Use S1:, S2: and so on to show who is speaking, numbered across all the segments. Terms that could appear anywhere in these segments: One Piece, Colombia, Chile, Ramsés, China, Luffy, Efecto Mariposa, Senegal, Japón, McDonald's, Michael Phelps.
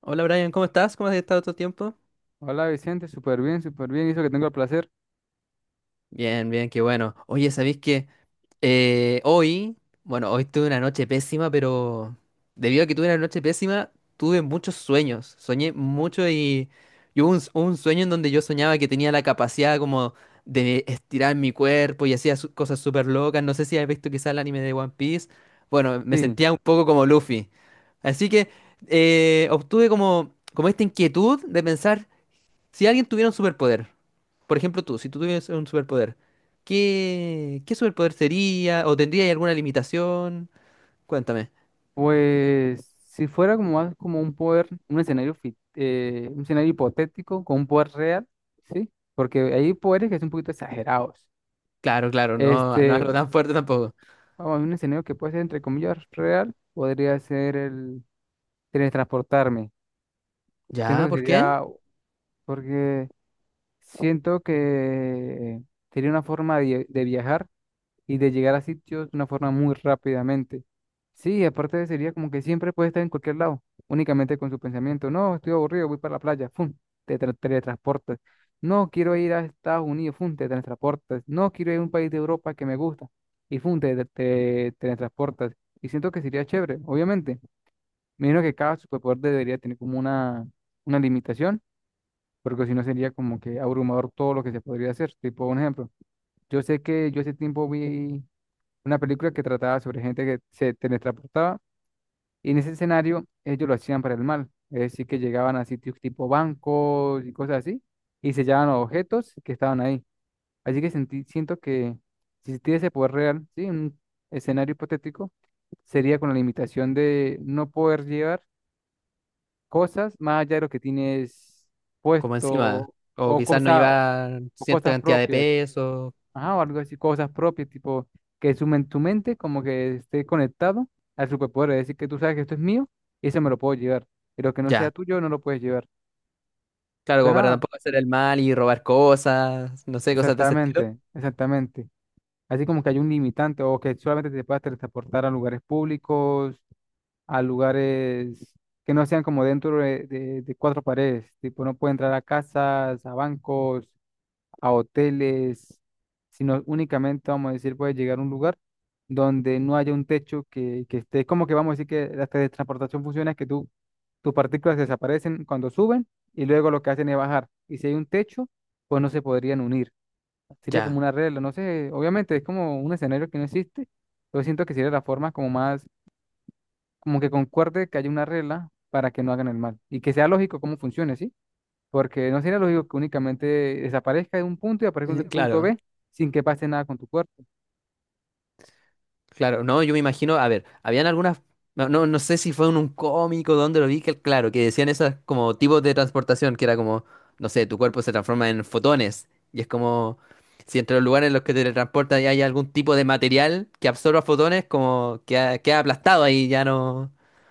S1: Hola Brian, ¿cómo estás? ¿Cómo has estado todo el tiempo?
S2: Hola Vicente, súper bien, hizo que tengo el placer.
S1: Bien, bien, qué bueno. Oye, ¿sabéis que hoy, bueno, hoy tuve una noche pésima, pero debido a que tuve una noche pésima, tuve muchos sueños. Soñé mucho y hubo un sueño en donde yo soñaba que tenía la capacidad como de estirar mi cuerpo y hacía cosas súper locas. No sé si has visto quizás el anime de One Piece. Bueno, me
S2: Sí,
S1: sentía un poco como Luffy. Así que obtuve como esta inquietud de pensar si alguien tuviera un superpoder. Por ejemplo, tú, si tú tuvieras un superpoder, ¿qué superpoder sería? ¿O tendría alguna limitación? Cuéntame.
S2: pues si fuera como más como un poder, un escenario, un escenario hipotético con un poder real, ¿sí? Porque hay poderes que son un poquito exagerados.
S1: Claro, claro, no, no
S2: Este,
S1: algo tan fuerte tampoco.
S2: vamos, un escenario que puede ser entre comillas real, podría ser el teletransportarme. Siento
S1: ¿Ya?
S2: que
S1: ¿Por qué?
S2: sería, porque siento que sería una forma de viajar y de llegar a sitios de una forma muy rápidamente. Sí, aparte sería como que siempre puede estar en cualquier lado, únicamente con su pensamiento. No, estoy aburrido, voy para la playa, ¡fum! Teletransportas. No, quiero ir a Estados Unidos, ¡fum! Te teletransportas. No, quiero ir a un país de Europa que me gusta y ¡fum! Te teletransportas. Y siento que sería chévere, obviamente. Me imagino que cada superpoder debería tener como una limitación, porque si no sería como que abrumador todo lo que se podría hacer. Tipo, un ejemplo, yo sé que yo hace tiempo vi una película que trataba sobre gente que se teletransportaba y en ese escenario ellos lo hacían para el mal, es decir, que llegaban a sitios tipo bancos y cosas así y se llevaban los objetos que estaban ahí. Así que sentí, siento que si existiera ese poder real, sí, un escenario hipotético, sería con la limitación de no poder llevar cosas más allá de lo que tienes
S1: Como encima.
S2: puesto
S1: O
S2: o,
S1: quizás no
S2: cosa,
S1: llevar
S2: o
S1: cierta
S2: cosas
S1: cantidad de
S2: propias.
S1: peso.
S2: Ajá, o algo así, cosas propias, tipo que sumen tu mente, como que esté conectado al superpoder, es decir, que tú sabes que esto es mío y eso me lo puedo llevar, pero que no sea
S1: Ya.
S2: tuyo no lo puedes llevar.
S1: Claro, como para
S2: Suena
S1: tampoco hacer el mal y robar cosas, no sé, cosas de ese estilo.
S2: exactamente, exactamente. Así como que hay un limitante o que solamente te puedas transportar a lugares públicos, a lugares que no sean como dentro de cuatro paredes, tipo no puede entrar a casas, a bancos, a hoteles, sino únicamente, vamos a decir, puede llegar a un lugar donde no haya un techo que esté, como que vamos a decir que la teletransportación funciona, es que tú, tus partículas desaparecen cuando suben y luego lo que hacen es bajar. Y si hay un techo, pues no se podrían unir. Sería como
S1: Ya.
S2: una regla, no sé, obviamente es como un escenario que no existe, pero siento que sería la forma como más, como que concuerde que haya una regla para que no hagan el mal y que sea lógico cómo funcione, ¿sí? Porque no sería lógico que únicamente desaparezca de un punto y aparezca en un punto
S1: Claro.
S2: B sin que pase nada con tu cuerpo.
S1: Claro, no, yo me imagino, a ver, habían algunas, no, no sé si fue en un cómico donde lo vi, que claro, que decían esas como tipos de transportación, que era como, no sé, tu cuerpo se transforma en fotones, y es como, si entre los lugares en los que te transportas y hay algún tipo de material que absorba fotones, como que queda aplastado ahí, ya no,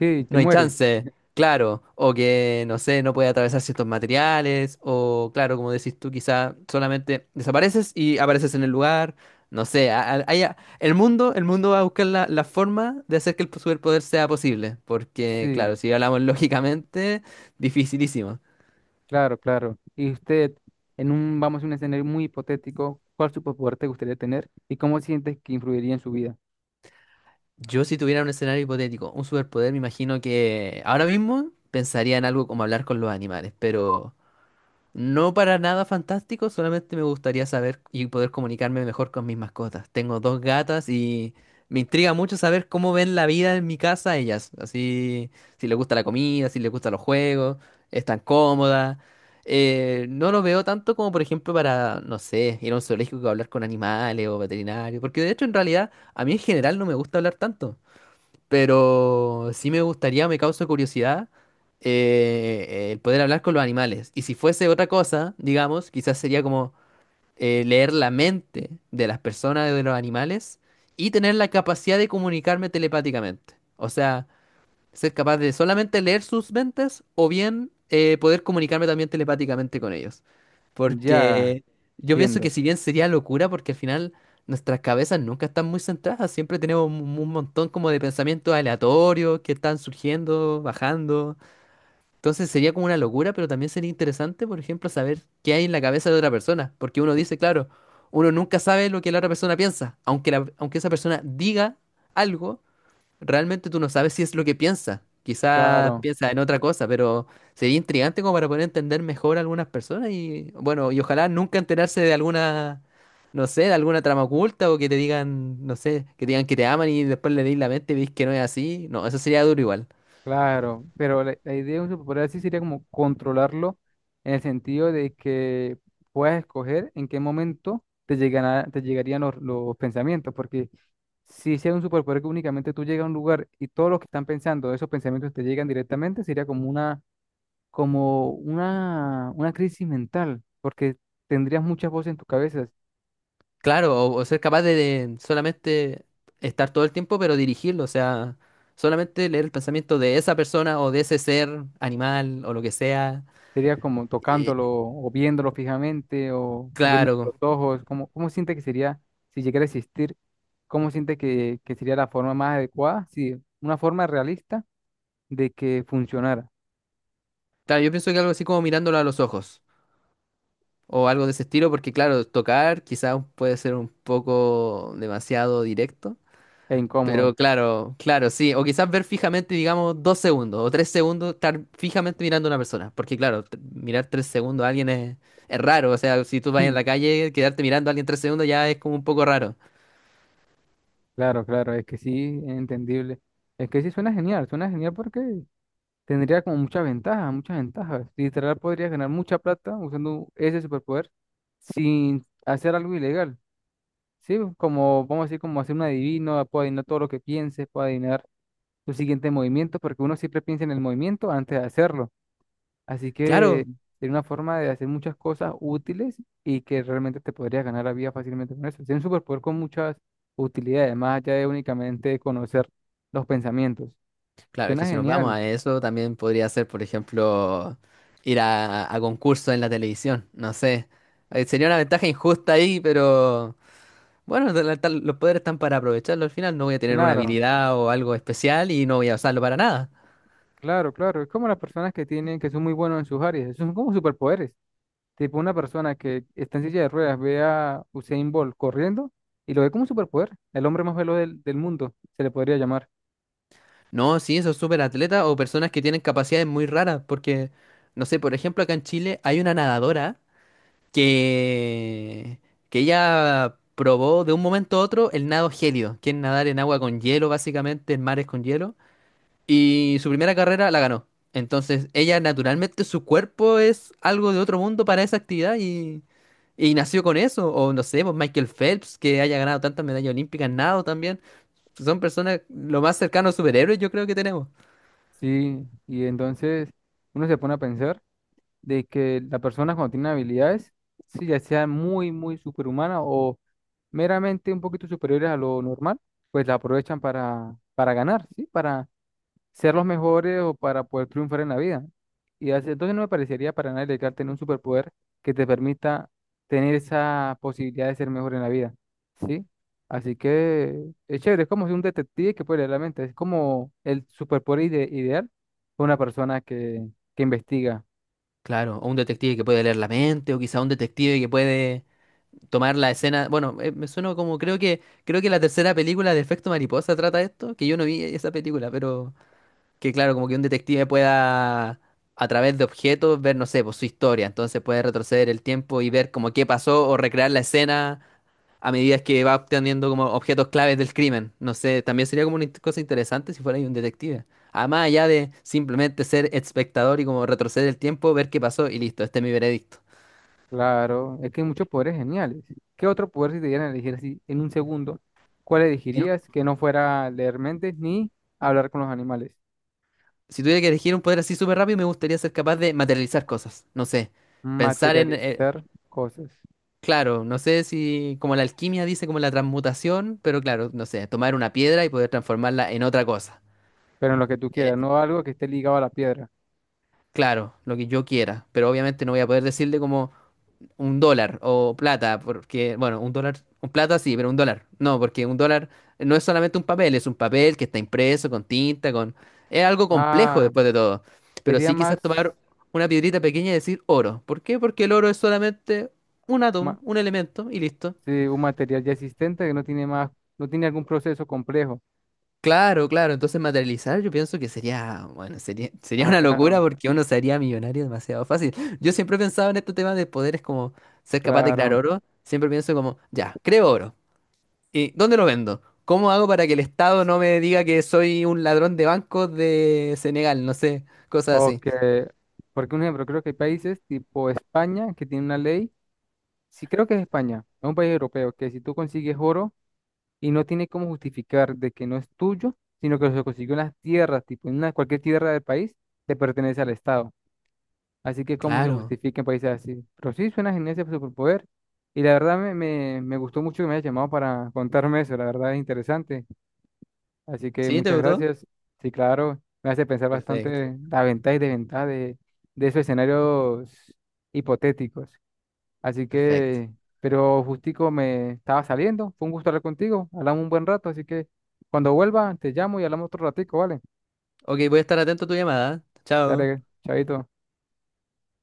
S2: Sí, te
S1: no hay
S2: mueres.
S1: chance, claro, o que, no sé, no puede atravesar ciertos materiales, o claro, como decís tú, quizá solamente desapareces y apareces en el lugar, no sé, el mundo va a buscar la forma de hacer que el superpoder sea posible, porque claro,
S2: Sí,
S1: si hablamos lógicamente, dificilísimo.
S2: claro, claro. Y usted, en un, vamos a un escenario muy hipotético, ¿cuál superpoder te gustaría tener y cómo sientes que influiría en su vida?
S1: Yo si tuviera un escenario hipotético, un superpoder, me imagino que ahora mismo pensaría en algo como hablar con los animales, pero... No para nada fantástico, solamente me gustaría saber y poder comunicarme mejor con mis mascotas. Tengo dos gatas y me intriga mucho saber cómo ven la vida en mi casa ellas. Así, si les gusta la comida, si les gustan los juegos, están cómodas. No lo veo tanto como, por ejemplo, para, no sé, ir a un zoológico a hablar con animales o veterinario, porque de hecho, en realidad, a mí en general no me gusta hablar tanto. Pero sí me gustaría, me causa curiosidad el poder hablar con los animales. Y si fuese otra cosa, digamos, quizás sería como leer la mente de las personas, de los animales, y tener la capacidad de comunicarme telepáticamente. O sea, ser capaz de solamente leer sus mentes o bien poder comunicarme también telepáticamente con ellos.
S2: Ya,
S1: Porque yo pienso que
S2: entiendo.
S1: si bien sería locura, porque al final nuestras cabezas nunca están muy centradas, siempre tenemos un montón como de pensamientos aleatorios que están surgiendo, bajando. Entonces sería como una locura, pero también sería interesante, por ejemplo, saber qué hay en la cabeza de otra persona. Porque uno dice, claro, uno nunca sabe lo que la otra persona piensa, aunque esa persona diga algo. Realmente tú no sabes si es lo que piensa. Quizás
S2: Claro,
S1: piensa en otra cosa, pero sería intrigante como para poder entender mejor a algunas personas y bueno, y ojalá nunca enterarse de alguna, no sé, de alguna trama oculta o que te digan, no sé, que te digan que te aman y después le di la mente y veis que no es así. No, eso sería duro igual.
S2: claro. Pero la idea de un superpoder así sería como controlarlo en el sentido de que puedas escoger en qué momento te llegarían los pensamientos, porque si sea un superpoder que únicamente tú llegas a un lugar y todos los que están pensando, esos pensamientos te llegan directamente, sería como una crisis mental, porque tendrías muchas voces en tu cabeza.
S1: Claro, o ser capaz de solamente estar todo el tiempo, pero dirigirlo, o sea, solamente leer el pensamiento de esa persona o de ese ser, animal o lo que sea.
S2: Sería como
S1: Eh,
S2: tocándolo o viéndolo fijamente o viendo
S1: claro.
S2: los ojos. ¿Cómo, cómo siente que sería si llegara a existir? ¿Cómo siente que sería la forma más adecuada? Sí, una forma realista de que funcionara
S1: Claro, yo pienso que algo así como mirándolo a los ojos o algo de ese estilo, porque claro, tocar quizás puede ser un poco demasiado directo,
S2: e incómodo.
S1: pero claro, claro, sí, o quizás ver fijamente, digamos, dos segundos o tres segundos, estar fijamente mirando a una persona, porque claro, mirar tres segundos a alguien es raro, o sea, si tú vas en la calle, quedarte mirando a alguien tres segundos ya es como un poco raro.
S2: Claro, claro, es que sí, es entendible. Es que sí suena genial porque tendría como muchas ventajas, muchas ventajas. Literal podrías ganar mucha plata usando ese superpoder sin hacer algo ilegal. Sí, como vamos a decir, como hacer un adivino, puedo adivinar todo lo que pienses, puedo adivinar tu siguiente movimiento, porque uno siempre piensa en el movimiento antes de hacerlo. Así que
S1: Claro,
S2: sería una forma de hacer muchas cosas útiles y que realmente te podrías ganar la vida fácilmente con eso. Es un superpoder con muchas utilidades, más allá de únicamente conocer los pensamientos.
S1: claro, es
S2: Suena
S1: que si nos vamos
S2: genial,
S1: a eso, también podría ser, por ejemplo, ir a concursos en la televisión, no sé. Sería una ventaja injusta ahí, pero bueno, los poderes están para aprovecharlo al final. No voy a tener una
S2: claro.
S1: habilidad o algo especial y no voy a usarlo para nada.
S2: Claro, claro, es como las personas que tienen, que son muy buenos en sus áreas, son como superpoderes. Tipo una persona que está en silla de ruedas ve a Usain Bolt corriendo y lo ve como un superpoder, el hombre más veloz del mundo, se le podría llamar.
S1: No, sí, esos súper atletas o personas que tienen capacidades muy raras, porque, no sé, por ejemplo, acá en Chile hay una nadadora que, que ella probó de un momento a otro el nado gélido, que es nadar en agua con hielo, básicamente, en mares con hielo. Y su primera carrera la ganó. Entonces, ella naturalmente, su cuerpo es algo de otro mundo para esa actividad y nació con eso. O no sé, pues Michael Phelps, que haya ganado tantas medallas olímpicas, nado también. Son personas lo más cercano a superhéroes yo creo que tenemos.
S2: Sí, y entonces uno se pone a pensar de que la persona cuando tiene habilidades, sí, ya sea muy, muy superhumana o meramente un poquito superiores a lo normal, pues la aprovechan para ganar, ¿sí? Ser los mejores o para poder triunfar en la vida. Entonces no me parecería para nada ilegal tener un superpoder que te permita tener esa posibilidad de ser mejor en la vida, ¿sí? Así que es chévere, es como si un detective que puede leer la mente, es como el superpoder ideal para una persona que investiga.
S1: Claro, o un detective que puede leer la mente, o quizá un detective que puede tomar la escena. Bueno, me suena como creo que la tercera película de Efecto Mariposa trata esto, que yo no vi esa película, pero que claro, como que un detective pueda a través de objetos ver, no sé, pues su historia. Entonces puede retroceder el tiempo y ver como qué pasó o recrear la escena a medida que va obteniendo como objetos claves del crimen. No sé, también sería como una cosa interesante si fuera ahí un detective. Además allá de simplemente ser espectador y como retroceder el tiempo, ver qué pasó y listo, este es mi veredicto.
S2: Claro, es que hay muchos poderes geniales. ¿Qué otro poder si te dieran a elegir así en un segundo? ¿Cuál
S1: Y no-
S2: elegirías que no fuera leer mentes ni hablar con los animales?
S1: si tuviera que elegir un poder así súper rápido, me gustaría ser capaz de materializar cosas. No sé, pensar en...
S2: Materializar cosas.
S1: claro, no sé si como la alquimia dice como la transmutación, pero claro, no sé, tomar una piedra y poder transformarla en otra cosa.
S2: Pero en lo que tú
S1: Eh,
S2: quieras, no algo que esté ligado a la piedra.
S1: claro, lo que yo quiera, pero obviamente no voy a poder decirle como un dólar o plata, porque, bueno, un dólar, un plata sí, pero un dólar, no, porque un dólar no es solamente un papel, es un papel que está impreso con tinta, con... Es algo complejo
S2: Ah,
S1: después de todo, pero
S2: sería
S1: sí
S2: más
S1: quizás tomar una piedrita pequeña y decir oro. ¿Por qué? Porque el oro es solamente un átomo,
S2: ma-
S1: un elemento y listo.
S2: sí, un material ya existente que no tiene más, no tiene algún proceso complejo.
S1: Claro, claro. Entonces materializar yo pienso que sería, bueno, sería, sería
S2: Ah,
S1: una
S2: claro,
S1: locura porque uno se haría millonario demasiado fácil. Yo siempre he pensado en este tema de poderes como ser capaz de crear
S2: claro.
S1: oro. Siempre pienso como, ya, creo oro. ¿Y dónde lo vendo? ¿Cómo hago para que el Estado no me diga que soy un ladrón de bancos de Senegal? No sé, cosas
S2: O
S1: así.
S2: que, porque un ejemplo, creo que hay países tipo España que tiene una ley, sí creo que es España, es un país europeo, que si tú consigues oro y no tiene cómo justificar de que no es tuyo, sino que se consiguió en las tierras, tipo en una, cualquier tierra del país, te pertenece al Estado. Así que cómo se
S1: Claro.
S2: justifica en países así. Pero sí, suena genial ese superpoder. Y la verdad me gustó mucho que me hayas llamado para contarme eso. La verdad es interesante. Así que
S1: ¿Sí? ¿Te
S2: muchas
S1: gustó?
S2: gracias. Sí, claro, me hace pensar
S1: Perfecto,
S2: bastante las ventajas y desventajas de esos escenarios hipotéticos. Así
S1: perfecto.
S2: que, pero justico me estaba saliendo. Fue un gusto hablar contigo. Hablamos un buen rato. Así que cuando vuelva, te llamo y hablamos otro ratico, ¿vale?
S1: Ok, voy a estar atento a tu llamada. Chao.
S2: Dale, chavito.